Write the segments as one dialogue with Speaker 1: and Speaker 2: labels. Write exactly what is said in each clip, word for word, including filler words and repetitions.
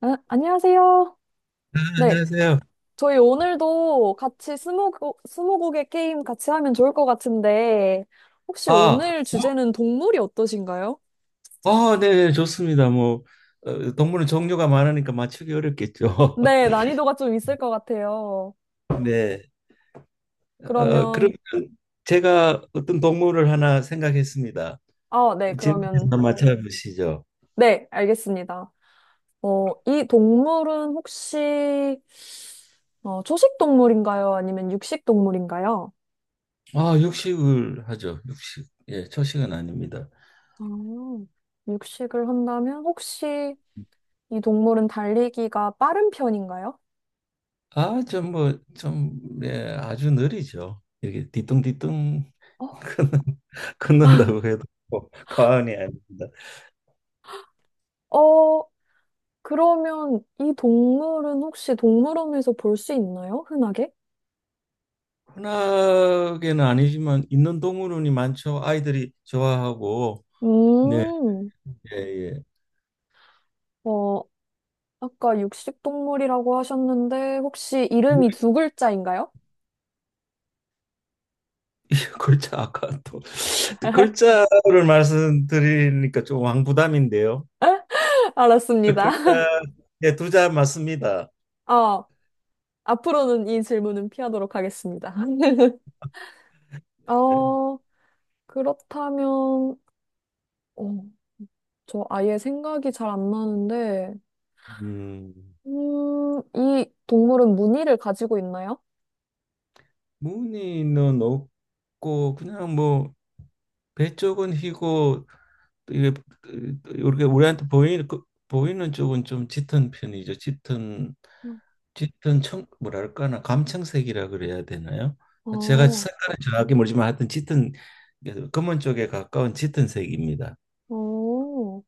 Speaker 1: 아, 안녕하세요.
Speaker 2: 아,
Speaker 1: 네.
Speaker 2: 안녕하세요.
Speaker 1: 저희 오늘도 같이 스무고, 스무고개 게임 같이 하면 좋을 것 같은데, 혹시
Speaker 2: 아,
Speaker 1: 오늘 주제는 동물이 어떠신가요?
Speaker 2: 아, 네, 네, 좋습니다. 뭐 어, 동물은 종류가 많으니까 맞추기 어렵겠죠.
Speaker 1: 네, 난이도가 좀 있을 것 같아요.
Speaker 2: 네. 어,
Speaker 1: 그러면,
Speaker 2: 그러면 제가 어떤 동물을 하나 생각했습니다.
Speaker 1: 아, 네,
Speaker 2: 질문서
Speaker 1: 그러면,
Speaker 2: 한번 맞춰보시죠.
Speaker 1: 네, 알겠습니다. 어, 이 동물은 혹시, 어, 초식 동물인가요? 아니면 육식 동물인가요?
Speaker 2: 아, 육식을 하죠. 육식. 예, 초식은 아닙니다.
Speaker 1: 아, 육식을 한다면 혹시 이 동물은 달리기가 빠른 편인가요?
Speaker 2: 아, 좀 뭐, 좀, 예, 아주 느리죠. 이렇게 뒤뚱뒤뚱
Speaker 1: 어,
Speaker 2: 걷는다고 해도 뭐 과언이 아닙니다.
Speaker 1: 어, 그러면 이 동물은 혹시 동물원에서 볼 수 있나요? 흔하게?
Speaker 2: 흔하게는 아니지만 있는 동물원이 많죠. 아이들이 좋아하고, 네,
Speaker 1: 음,
Speaker 2: 예, 예.
Speaker 1: 어, 아까 육식동물이라고 하셨는데 혹시 이름이 두 글자인가요?
Speaker 2: 글자 아까 또 글자를 말씀드리니까 좀 왕부담인데요.
Speaker 1: 알았습니다.
Speaker 2: 글자 예, 두자 맞습니다.
Speaker 1: 어, 앞으로는 이 질문은 피하도록 하겠습니다.
Speaker 2: 예.
Speaker 1: 어, 그렇다면, 어, 저 아예 생각이 잘 안 나는데,
Speaker 2: 음,
Speaker 1: 음, 이 동물은 무늬를 가지고 있나요?
Speaker 2: 무늬는 없고 그냥 뭐 배 쪽은 희고 또 이게 이렇게 우리한테 보이 그, 보이는 쪽은 좀 짙은 편이죠. 짙은 짙은 청 뭐랄까나 감청색이라 그래야 되나요? 제가
Speaker 1: 어,
Speaker 2: 색깔은 정확히 모르지만 하여튼 짙은 검은 쪽에 가까운 짙은 색입니다.
Speaker 1: 어,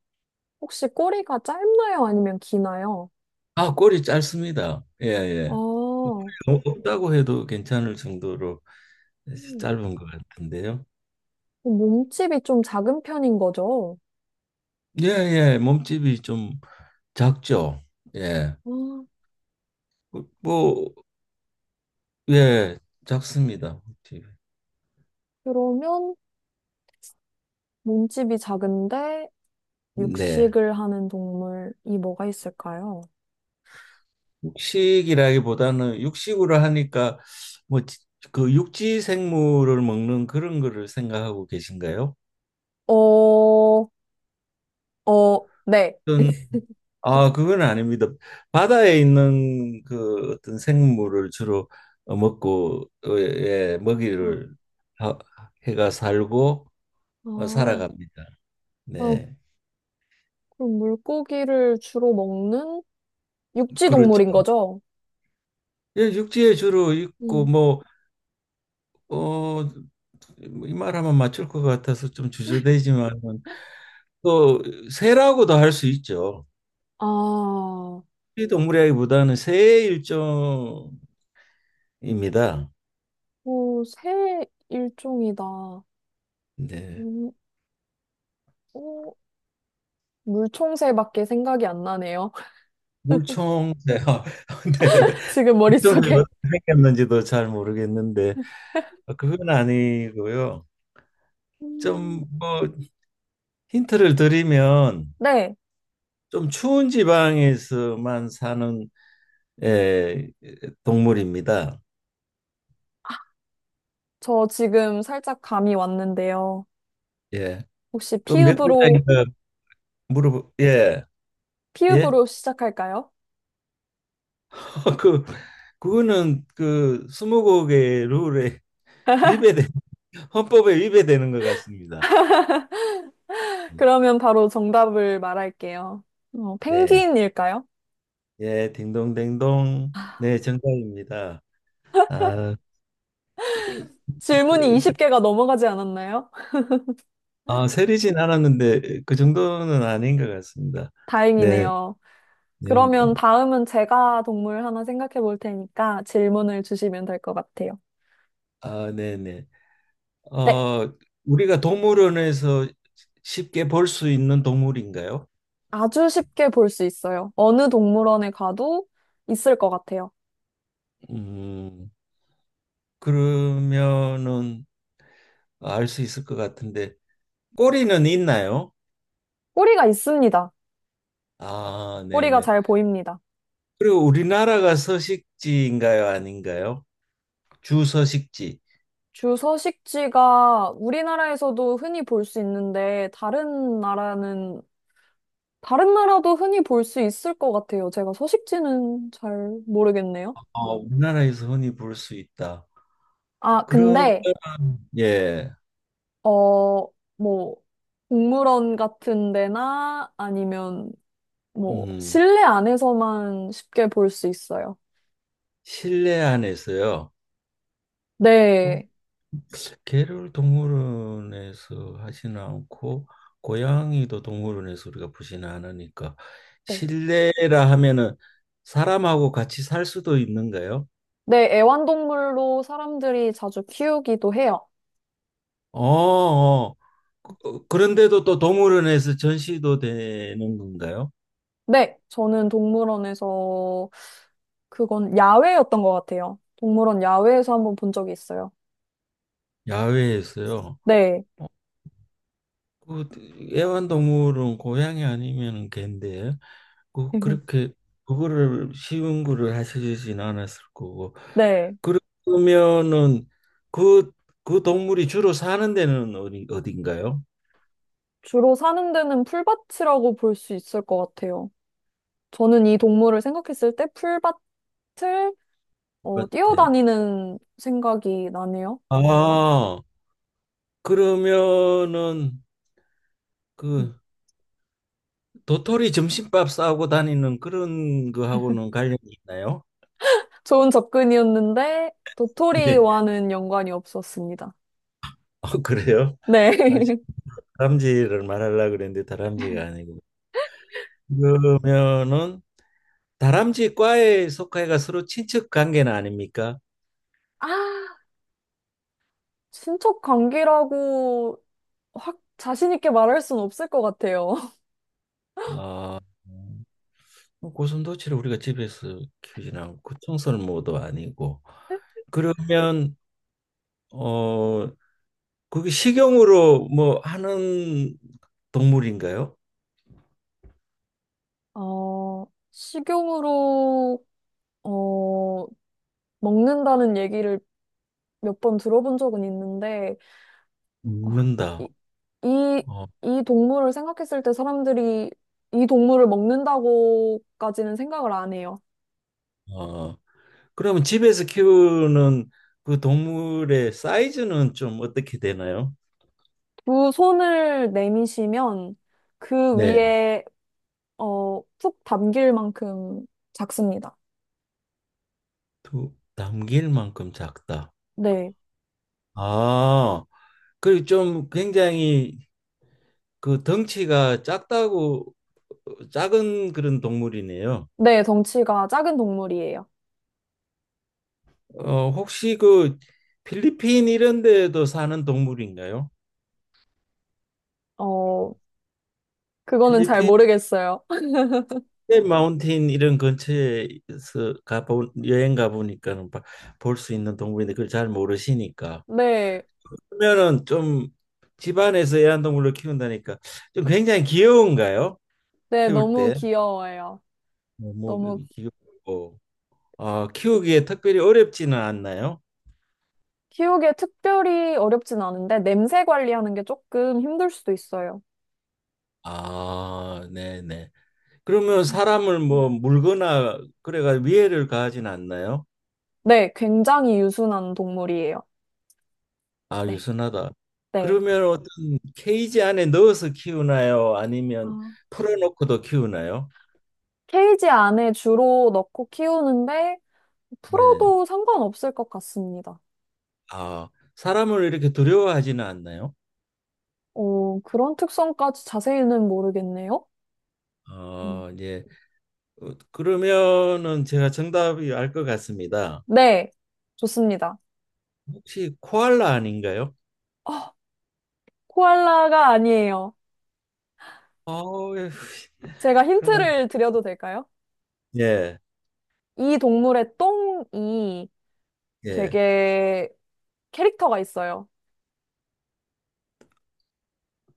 Speaker 1: 혹시 꼬리가 짧나요? 아니면 기나요?
Speaker 2: 아, 꼬리 짧습니다. 예,
Speaker 1: 아,
Speaker 2: 예.
Speaker 1: 음.
Speaker 2: 너무 없다고 해도 괜찮을 정도로 짧은 것 같은데요.
Speaker 1: 어, 몸집이 좀 작은 편인 거죠?
Speaker 2: 예, 예. 몸집이 좀 작죠. 예.
Speaker 1: 아,
Speaker 2: 뭐, 예, 작습니다. 몸집이.
Speaker 1: 그러면 몸집이 작은데
Speaker 2: 네.
Speaker 1: 육식을 하는 동물이 뭐가 있을까요?
Speaker 2: 육식이라기보다는 육식으로 하니까 뭐 그 육지 생물을 먹는 그런 거를 생각하고 계신가요?
Speaker 1: 어, 어, 네.
Speaker 2: 어떤 아 그건 아닙니다. 바다에 있는 그 어떤 생물을 주로 어, 먹고 어, 예,
Speaker 1: 아,
Speaker 2: 먹이를 하- 해가 살고 어,
Speaker 1: 아,
Speaker 2: 살아갑니다.
Speaker 1: 아,
Speaker 2: 네,
Speaker 1: 그럼 물고기를 주로 먹는 육지 동물인
Speaker 2: 그렇죠.
Speaker 1: 거죠?
Speaker 2: 예, 육지에 주로 있고
Speaker 1: 음.
Speaker 2: 뭐 어 이 말하면 맞출 것 같아서 좀 주저되지만 또 새라고도 할 수 있죠.
Speaker 1: 아, 어,
Speaker 2: 동물이라기보다는 새의 일종입니다.
Speaker 1: 새 일종이다.
Speaker 2: 네.
Speaker 1: 음, 어, 물총새밖에 생각이 안 나네요.
Speaker 2: 물총새요. 네, 네.
Speaker 1: 지금
Speaker 2: 물총새가
Speaker 1: 머릿속에?
Speaker 2: 어떻게 생겼는지도 잘 모르겠는데 그건 아니고요.
Speaker 1: 음,
Speaker 2: 좀 뭐 힌트를 드리면
Speaker 1: 네,
Speaker 2: 좀 추운 지방에서만 사는, 예, 동물입니다.
Speaker 1: 저 지금 살짝 감이 왔는데요.
Speaker 2: 예.
Speaker 1: 혹시
Speaker 2: 또 몇
Speaker 1: 피읍으로,
Speaker 2: 글자인가 물어보 예. 예.
Speaker 1: 피읍으로 시작할까요?
Speaker 2: 그 그거는 그 스무고개 룰에 위배된, 헌법에 위배되는 것 같습니다.
Speaker 1: 그러면 바로 정답을 말할게요. 어,
Speaker 2: 네,
Speaker 1: 펭귄일까요?
Speaker 2: 예, 딩동댕동. 네, 정답입니다. 아,
Speaker 1: 질문이 스무 개가 넘어가지 않았나요?
Speaker 2: 아, 세리진 않았는데 그 정도는 아닌 것 같습니다. 네,
Speaker 1: 다행이네요.
Speaker 2: 네,
Speaker 1: 그러면
Speaker 2: 네.
Speaker 1: 다음은 제가 동물 하나 생각해 볼 테니까 질문을 주시면 될 것 같아요.
Speaker 2: 아, 네, 네.
Speaker 1: 네,
Speaker 2: 어, 우리가 동물원에서 쉽게 볼 수 있는 동물인가요?
Speaker 1: 아주 쉽게 볼 수 있어요. 어느 동물원에 가도 있을 것 같아요.
Speaker 2: 음, 그러면은 알 수 있을 것 같은데 꼬리는 있나요?
Speaker 1: 꼬리가 있습니다.
Speaker 2: 아, 네,
Speaker 1: 꼬리가
Speaker 2: 네.
Speaker 1: 잘 보입니다.
Speaker 2: 그리고 우리나라가 서식지인가요, 아닌가요? 주 서식지.
Speaker 1: 주 서식지가 우리나라에서도 흔히 볼 수 있는데, 다른 나라는, 다른 나라도 흔히 볼 수 있을 것 같아요. 제가 서식지는 잘 모르겠네요.
Speaker 2: 어, 우리나라에서 흔히 볼 수 있다.
Speaker 1: 아,
Speaker 2: 그러면,
Speaker 1: 근데,
Speaker 2: 예,
Speaker 1: 어, 뭐, 동물원 같은 데나 아니면 뭐,
Speaker 2: 음,
Speaker 1: 실내 안에서만 쉽게 볼 수 있어요.
Speaker 2: 실내 안에서요. 어,
Speaker 1: 네.
Speaker 2: 개를 동물원에서 하지는 않고 고양이도 동물원에서 우리가 보지는 않으니까
Speaker 1: 네,
Speaker 2: 실내라 하면은 사람하고 같이 살 수도 있는가요?
Speaker 1: 네, 애완동물로 사람들이 자주 키우기도 해요.
Speaker 2: 어, 어. 그- 그런데도 또 동물원에서 전시도 되는 건가요?
Speaker 1: 네, 저는 동물원에서 그건 야외였던 것 같아요. 동물원 야외에서 한번 본 적이 있어요.
Speaker 2: 야외에서요.
Speaker 1: 네,
Speaker 2: 어, 그 애완동물은 고양이 아니면은 개인데 그 그렇게 그거를 쉬운 거를 하시진 않았을 거고
Speaker 1: 네.
Speaker 2: 그러면은 그 그 동물이 주로 사는 데는 어디 어딘가요?
Speaker 1: 주로 사는 데는 풀밭이라고 볼 수 있을 것 같아요. 저는 이 동물을 생각했을 때 풀밭을 어,
Speaker 2: 밭에.
Speaker 1: 뛰어다니는 생각이 나네요.
Speaker 2: 아 그러면은
Speaker 1: 음.
Speaker 2: 그 도토리 점심밥 싸고 다니는 그런 거하고는 관련이 있나요?
Speaker 1: 좋은 접근이었는데
Speaker 2: 네.
Speaker 1: 도토리와는 연관이 없었습니다.
Speaker 2: 어, 그래요? 아,
Speaker 1: 네.
Speaker 2: 다람쥐를 말하려고 그랬는데 다람쥐가 아니고. 그러면은 다람쥐 과에 속하여가 서로 친척 관계는 아닙니까?
Speaker 1: 아, 친척 관계라고 확 자신 있게 말할 순 없을 것 같아요.
Speaker 2: 아, 어, 고슴도치를 우리가 집에서 키우진 않고 청설모도 아니고 그러면 어 그게 식용으로 뭐 하는 동물인가요?
Speaker 1: 어, 식용으로, 어, 먹는다는 얘기를 몇 번 들어본 적은 있는데, 어,
Speaker 2: 먹는다.
Speaker 1: 이, 이,
Speaker 2: 어,
Speaker 1: 이 동물을 생각했을 때 사람들이 이 동물을 먹는다고까지는 생각을 안 해요.
Speaker 2: 어. 그러면 집에서 키우는 그 동물의 사이즈는 좀 어떻게 되나요?
Speaker 1: 두 손을 내미시면 그
Speaker 2: 네.
Speaker 1: 위에, 어, 푹 담길 만큼 작습니다.
Speaker 2: 두, 담길 만큼 작다.
Speaker 1: 네.
Speaker 2: 아, 그리고 좀 굉장히 그 덩치가 작다고 작은 그런 동물이네요.
Speaker 1: 네, 덩치가 작은 동물이에요.
Speaker 2: 어, 혹시 그 필리핀 이런 데에도 사는 동물인가요?
Speaker 1: 어, 그거는 잘
Speaker 2: 필리핀
Speaker 1: 모르겠어요.
Speaker 2: 마운틴 이런 근처에서 가보 여행 가보니까는 볼 수 있는 동물인데 그걸 잘 모르시니까
Speaker 1: 네.
Speaker 2: 그러면은 좀 집안에서 애완동물로 키운다니까 좀 굉장히 귀여운가요?
Speaker 1: 네,
Speaker 2: 키울
Speaker 1: 너무
Speaker 2: 때
Speaker 1: 귀여워요.
Speaker 2: 너무
Speaker 1: 너무
Speaker 2: 귀엽고 어, 키우기에 특별히 어렵지는 않나요?
Speaker 1: 키우기에 특별히 어렵진 않은데 냄새 관리하는 게 조금 힘들 수도 있어요.
Speaker 2: 아, 네네. 그러면
Speaker 1: 음.
Speaker 2: 사람을 뭐 물거나 그래가 위해를 가하진 않나요?
Speaker 1: 네, 굉장히 유순한 동물이에요.
Speaker 2: 아,
Speaker 1: 네,
Speaker 2: 유순하다.
Speaker 1: 네.
Speaker 2: 그러면 어떤 케이지 안에 넣어서 키우나요? 아니면
Speaker 1: 아,
Speaker 2: 풀어놓고도 키우나요?
Speaker 1: 케이지 안에 주로 넣고 키우는데
Speaker 2: 네.
Speaker 1: 풀어도 상관없을 것 같습니다.
Speaker 2: 아, 사람을 이렇게 두려워하지는 않나요?
Speaker 1: 어, 그런 특성까지 자세히는 모르겠네요. 음.
Speaker 2: 어, 예. 어, 그러면은 제가 정답이 알 것 같습니다.
Speaker 1: 네, 좋습니다.
Speaker 2: 혹시 코알라 아닌가요?
Speaker 1: 어, 코알라가 아니에요.
Speaker 2: 아, 예.
Speaker 1: 제가
Speaker 2: 큰일 났-
Speaker 1: 힌트를 드려도 될까요?
Speaker 2: 예,
Speaker 1: 이 동물의 똥이
Speaker 2: 예.
Speaker 1: 되게 캐릭터가 있어요.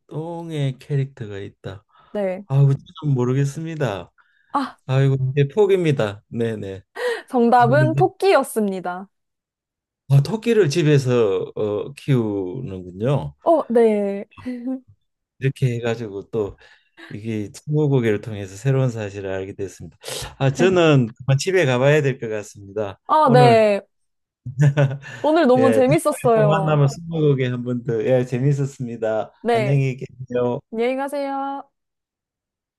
Speaker 2: 똥에 캐릭터가 있다.
Speaker 1: 네.
Speaker 2: 아우 좀 모르겠습니다.
Speaker 1: 아,
Speaker 2: 아이고 이제 포기입니다. 네네.
Speaker 1: 정답은
Speaker 2: 근데
Speaker 1: 토끼였습니다.
Speaker 2: 아, 토끼를 집에서 어, 키우는군요.
Speaker 1: 어, 네.
Speaker 2: 이렇게 해가지고 또 이게 스무고개를 통해서 새로운 사실을 알게 됐습니다. 아 저는 그만 집에 가봐야 될 것 같습니다.
Speaker 1: 아,
Speaker 2: 오늘
Speaker 1: 네. 오늘 너무
Speaker 2: 예, 다음에 또
Speaker 1: 재밌었어요.
Speaker 2: 만나면 스무고개 한 번 더. 예, 재밌었습니다.
Speaker 1: 네.
Speaker 2: 안녕히 계세요.
Speaker 1: 안녕히 가세요.